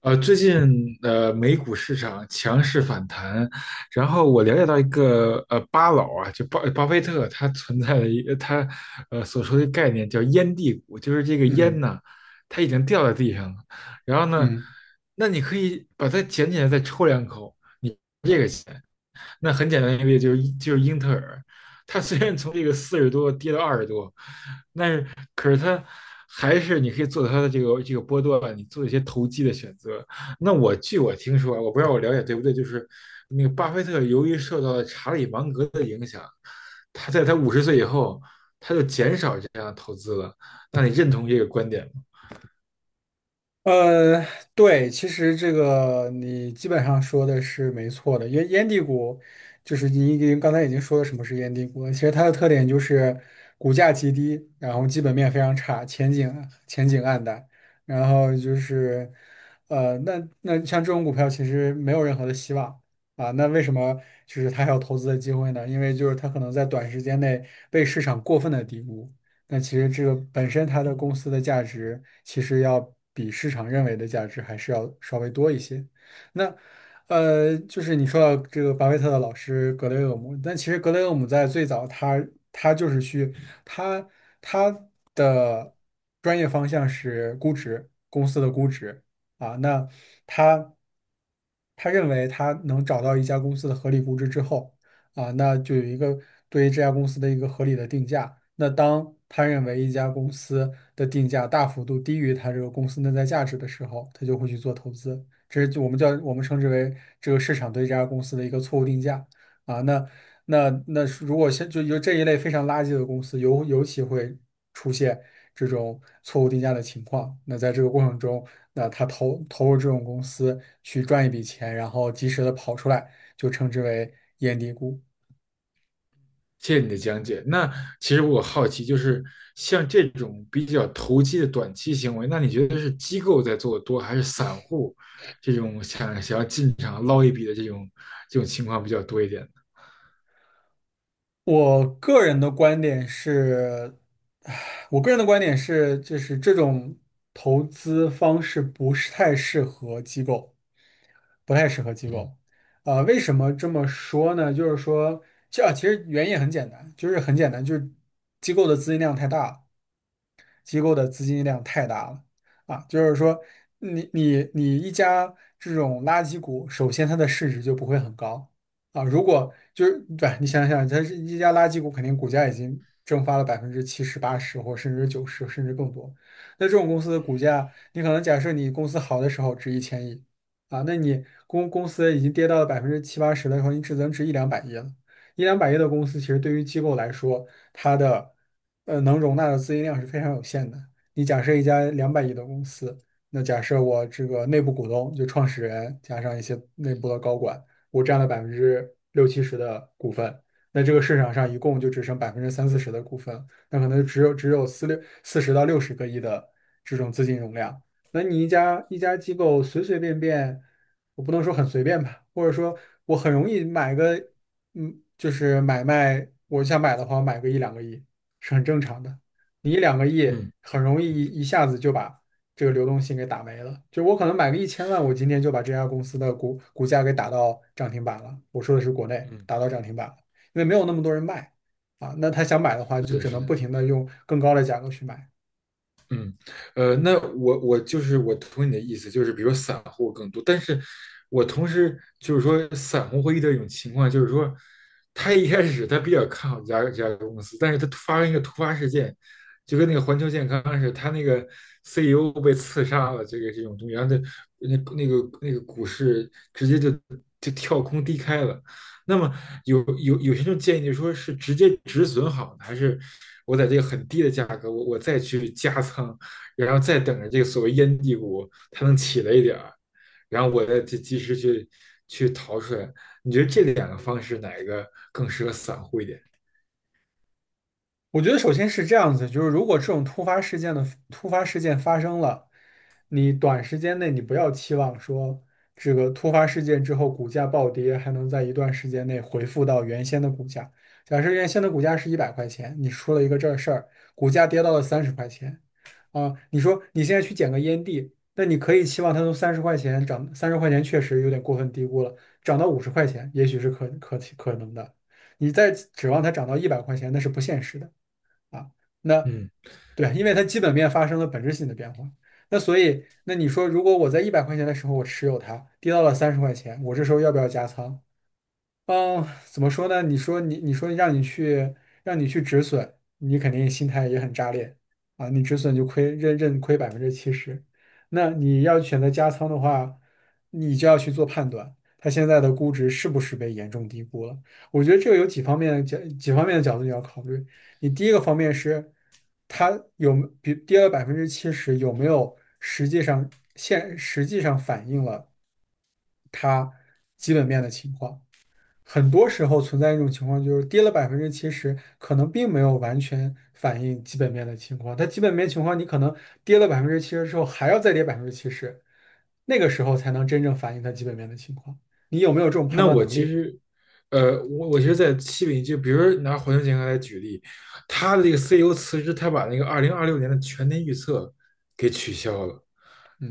最近美股市场强势反弹，然后我了解到一个巴老啊，就巴菲特，他存在的一个他所说的概念叫"烟蒂股"，就是这个烟嗯呐，它已经掉在地上了，然后呢，嗯，那你可以把它捡起来再抽两口，你这个钱。那很简单一个例子就是英特尔，它虽然从这个四十多跌到二十多，但是可是它还是你可以做它的这个波段，你做一些投机的选择。那据我听说啊，我不知道我了解对不对，就是那个巴菲特由于受到了查理芒格的影响，他在50岁以后他就减少这样的投资了。那你认同这个观点吗？呃，对，其实这个你基本上说的是没错的，因为烟蒂股就是你已经刚才已经说了什么是烟蒂股了，其实它的特点就是股价极低，然后基本面非常差，前景暗淡，然后就是那像这种股票其实没有任何的希望啊，那为什么就是它还有投资的机会呢？因为就是它可能在短时间内被市场过分的低估。那其实这个本身它的公司的价值，其实要比市场认为的价值还是要稍微多一些。那就是你说到这个巴菲特的老师格雷厄姆，但其实格雷厄姆在最早他他就是去他他的专业方向是估值，公司的估值啊，那他。他认为他能找到一家公司的合理估值之后，啊，那就有一个对于这家公司的一个合理的定价。那当他认为一家公司的定价大幅度低于他这个公司内在价值的时候，他就会去做投资。这是我们称之为这个市场对这家公司的一个错误定价啊。那如果现就有这一类非常垃圾的公司，尤其会出现。这种错误定价的情况。那在这个过程中，那他投入这种公司去赚一笔钱，然后及时的跑出来，就称之为验低估。谢谢你的讲解。那其实我好奇，就是像这种比较投机的短期行为，那你觉得是机构在做的多，还是散户这种想要进场捞一笔的这种情况比较多一点呢？我个人的观点是，就是这种投资方式不是太适合机构，不太适合机嗯构。为什么这么说呢？就是说，这其实原因也很简单，就是很简单，就是机构的资金量太大了。机构的资金量太大了啊，就是说你一家这种垃圾股，首先它的市值就不会很高啊，如果就是对，你想想，它是一家垃圾股，肯定股价已经蒸发了百分之七十、八十，或甚至九十，甚至更多。那这种公司的股价，你可能假设你公司好的时候值1000亿啊，那你公司已经跌到了百分之七八十的时候，你只能值一两百亿了。一两百亿的公司，其实对于机构来说，它的能容纳的资金量是非常有限的。你假设一家两百亿的公司，那假设我这个内部股东就创始人加上一些内部的高管，我占了百分之六七十的股份，那这个市场上一共就只剩百分之三四十的股份，那可能只有四十到六十个亿的这种资金容量。那你一家一家机构随随便便，我不能说很随便吧，或者说我很容易买个就是买卖，我想买的话，我买个一两个亿是很正常的。你一两个亿嗯很容易一下子就把这个流动性给打没了。就我可能买个1000万，我今天就把这家公司的股价给打到涨停板了。我说的是国内嗯，打到涨停板了，因为没有那么多人卖啊。那他想买的话，是就的，只是能的。不停的用更高的价格去买。嗯，那我就是我同意你的意思，就是比如说散户更多，但是我同时就是说散户会遇到一种情况，就是说他一开始他比较看好这家公司，但是他突发生一个突发事件，就跟那个环球健康似的，他那个 CEO 被刺杀了，这个这种东西，然后那那个股市直接就跳空低开了，那么有些人建议就说是直接止损好呢还是我在这个很低的价格，我再去加仓，然后再等着这个所谓烟蒂股它能起来一点儿，然后我再及时去去逃出来。你觉得这两个方式哪一个更适合散户一点？我觉得首先是这样子，就是如果这种突发事件发生了，你短时间内你不要期望说这个突发事件之后股价暴跌还能在一段时间内回复到原先的股价。假设原先的股价是一百块钱，你出了一个这事儿，股价跌到了三十块钱，啊，你说你现在去捡个烟蒂，那你可以期望它从三十块钱涨，三十块钱确实有点过分低估了，涨到50块钱也许是可能的，你再指望它涨到一百块钱那是不现实的。啊。那嗯。对，因为它基本面发生了本质性的变化。那所以，那你说，如果我在一百块钱的时候我持有它，跌到了三十块钱，我这时候要不要加仓？嗯，怎么说呢？你说让你去止损，你肯定心态也很炸裂啊！你止损就亏，认亏百分之七十。那你要选择加仓的话，你就要去做判断，它现在的估值是不是被严重低估了？我觉得这个有几方面的角度你要考虑。你第一个方面是，它有没比跌了百分之七十，有没有实际上反映了它基本面的情况？很多时候存在一种情况，就是跌了百分之七十，可能并没有完全反映基本面的情况。它基本面情况，你可能跌了百分之七十之后，还要再跌百分之七十，那个时候才能真正反映它基本面的情况。你有没有这种判那断我能其力？实，我其实，在西北，就比如说拿环球健康来举例，他的这个 CEO 辞职，他把那个2026年的全年预测给取消了，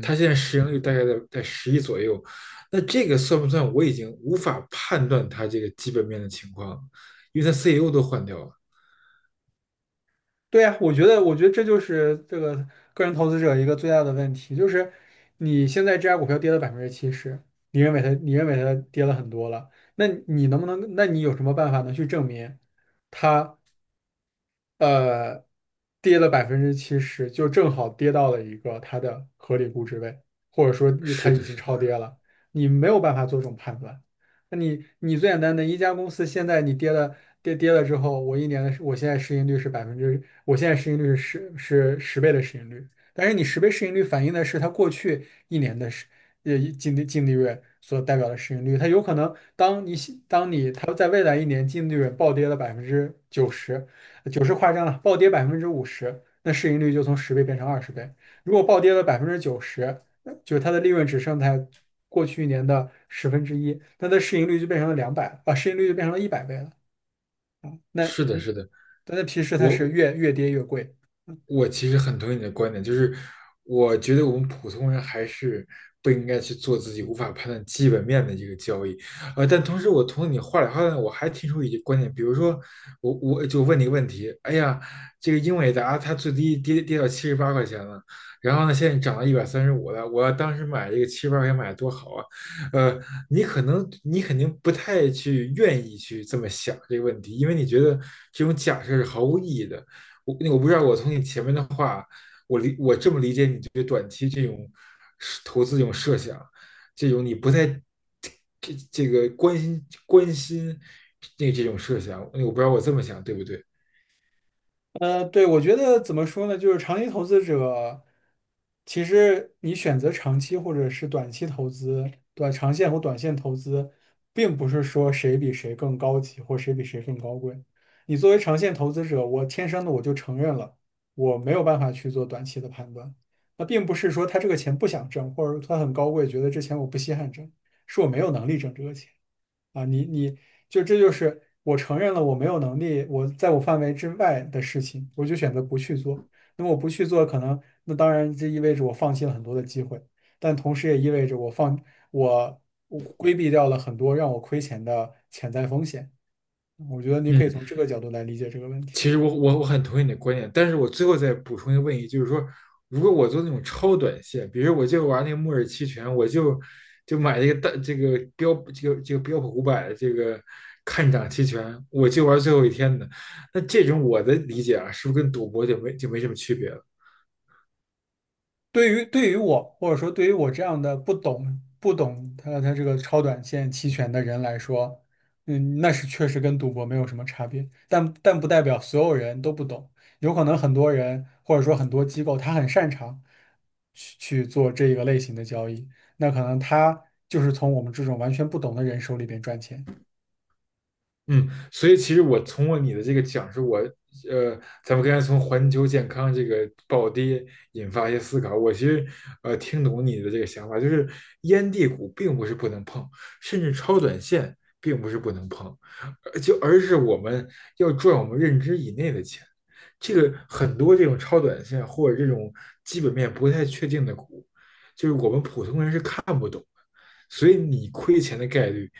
他现在市盈率大概在10亿左右，那这个算不算？我已经无法判断他这个基本面的情况，因为他 CEO 都换掉了。对呀，我觉得，我觉得这就是这个个人投资者一个最大的问题，就是你现在这家股票跌了百分之七十，你认为它，你认为它跌了很多了，那你能不能，那你有什么办法能去证明？它？呃，跌了百分之七十，就正好跌到了一个它的合理估值位，或者说它是已的，经是的，超跌了，你没有办法做这种判断。那你最简单的一家公司，现在你跌了之后，我一年的我现在市盈率是百分之，我现在市盈率是十倍的市盈率，但是你十倍市盈率反映的是它过去一年的净利润所代表的市盈率，它有可能当你它在未来一年净利润暴跌了百分之九十。九十夸张了，暴跌50%，那市盈率就从十倍变成20倍。如果暴跌了百分之九十，那就是它的利润只剩在过去一年的十分之一，那它的市盈率就变成了100倍了啊。那是的，是的，但那其实它是我越跌越贵，我其实很同意你的观点，就是我觉得我们普通人还是不应该去做自己无法判断基本面的这个交易，呃，但同时我从你话里话外我还提出一些观点，比如说我就问你一个问题，哎呀，这个英伟达它最低跌到七十八块钱了，然后呢现在涨到135了，我要当时买这个七十八块钱买多好啊，呃，你可能你肯定不太去愿意去这么想这个问题，因为你觉得这种假设是毫无意义的。我那我不知道，我从你前面的话，我这么理解你对短期这种是投资这种设想，这种你不太这这个关心那这种设想，我不知道我这么想对不对？对，我觉得怎么说呢，就是长期投资者，其实你选择长期或者是短期投资，短长线或短线投资，并不是说谁比谁更高级或谁比谁更高贵。你作为长线投资者，我天生的我就承认了，我没有办法去做短期的判断。那并不是说他这个钱不想挣，或者他很高贵，觉得这钱我不稀罕挣，是我没有能力挣这个钱。啊，你你就这就是我承认了我没有能力，我在我范围之外的事情，我就选择不去做。那么我不去做，可能那当然这意味着我放弃了很多的机会，但同时也意味着我放我我规避掉了很多让我亏钱的潜在风险。我觉得你可以嗯。从这个角度来理解这个问题。其实我很同意你的观点，但是我最后再补充一个问题，就是说，如果我做那种超短线，比如我就玩那个末日期权，我就买这个大这个标这个这个标普500这个看涨期权，我就玩最后一天的，那这种我的理解啊，是不是跟赌博就没什么区别了？对于我，或者说对于我这样的不懂他这个超短线期权的人来说，那是确实跟赌博没有什么差别，但不代表所有人都不懂，有可能很多人或者说很多机构他很擅长去做这一个类型的交易，那可能他就是从我们这种完全不懂的人手里边赚钱。嗯，所以其实我从我你的这个讲述，我呃，咱们刚才从环球健康这个暴跌引发一些思考，我其实呃听懂你的这个想法，就是烟蒂股并不是不能碰，甚至超短线并不是不能碰，呃就而是我们要赚我们认知以内的钱。这个很多这种超短线或者这种基本面不太确定的股，就是我们普通人是看不懂的，所以你亏钱的概率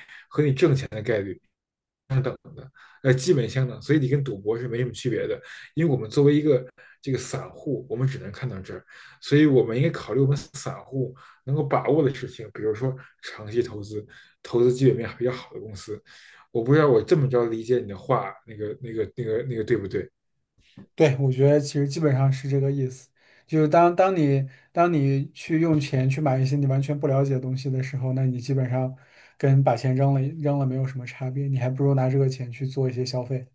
呃，基本相等，所以你跟赌博是没什么区别的。因为我们作为一个这个散户，我们只能看到这儿，所以我们应该考虑我们散户能够把握的事情，比如说长期投资，投资基本面比较好的公司。我不知道我这么着理解你的话，那个对不对？对，我觉得其实基本上是这个意思。就是当你去用钱去买一些你完全不了解的东西的时候，那你基本上跟把钱扔了没有什么差别，你还不如拿这个钱去做一些消费。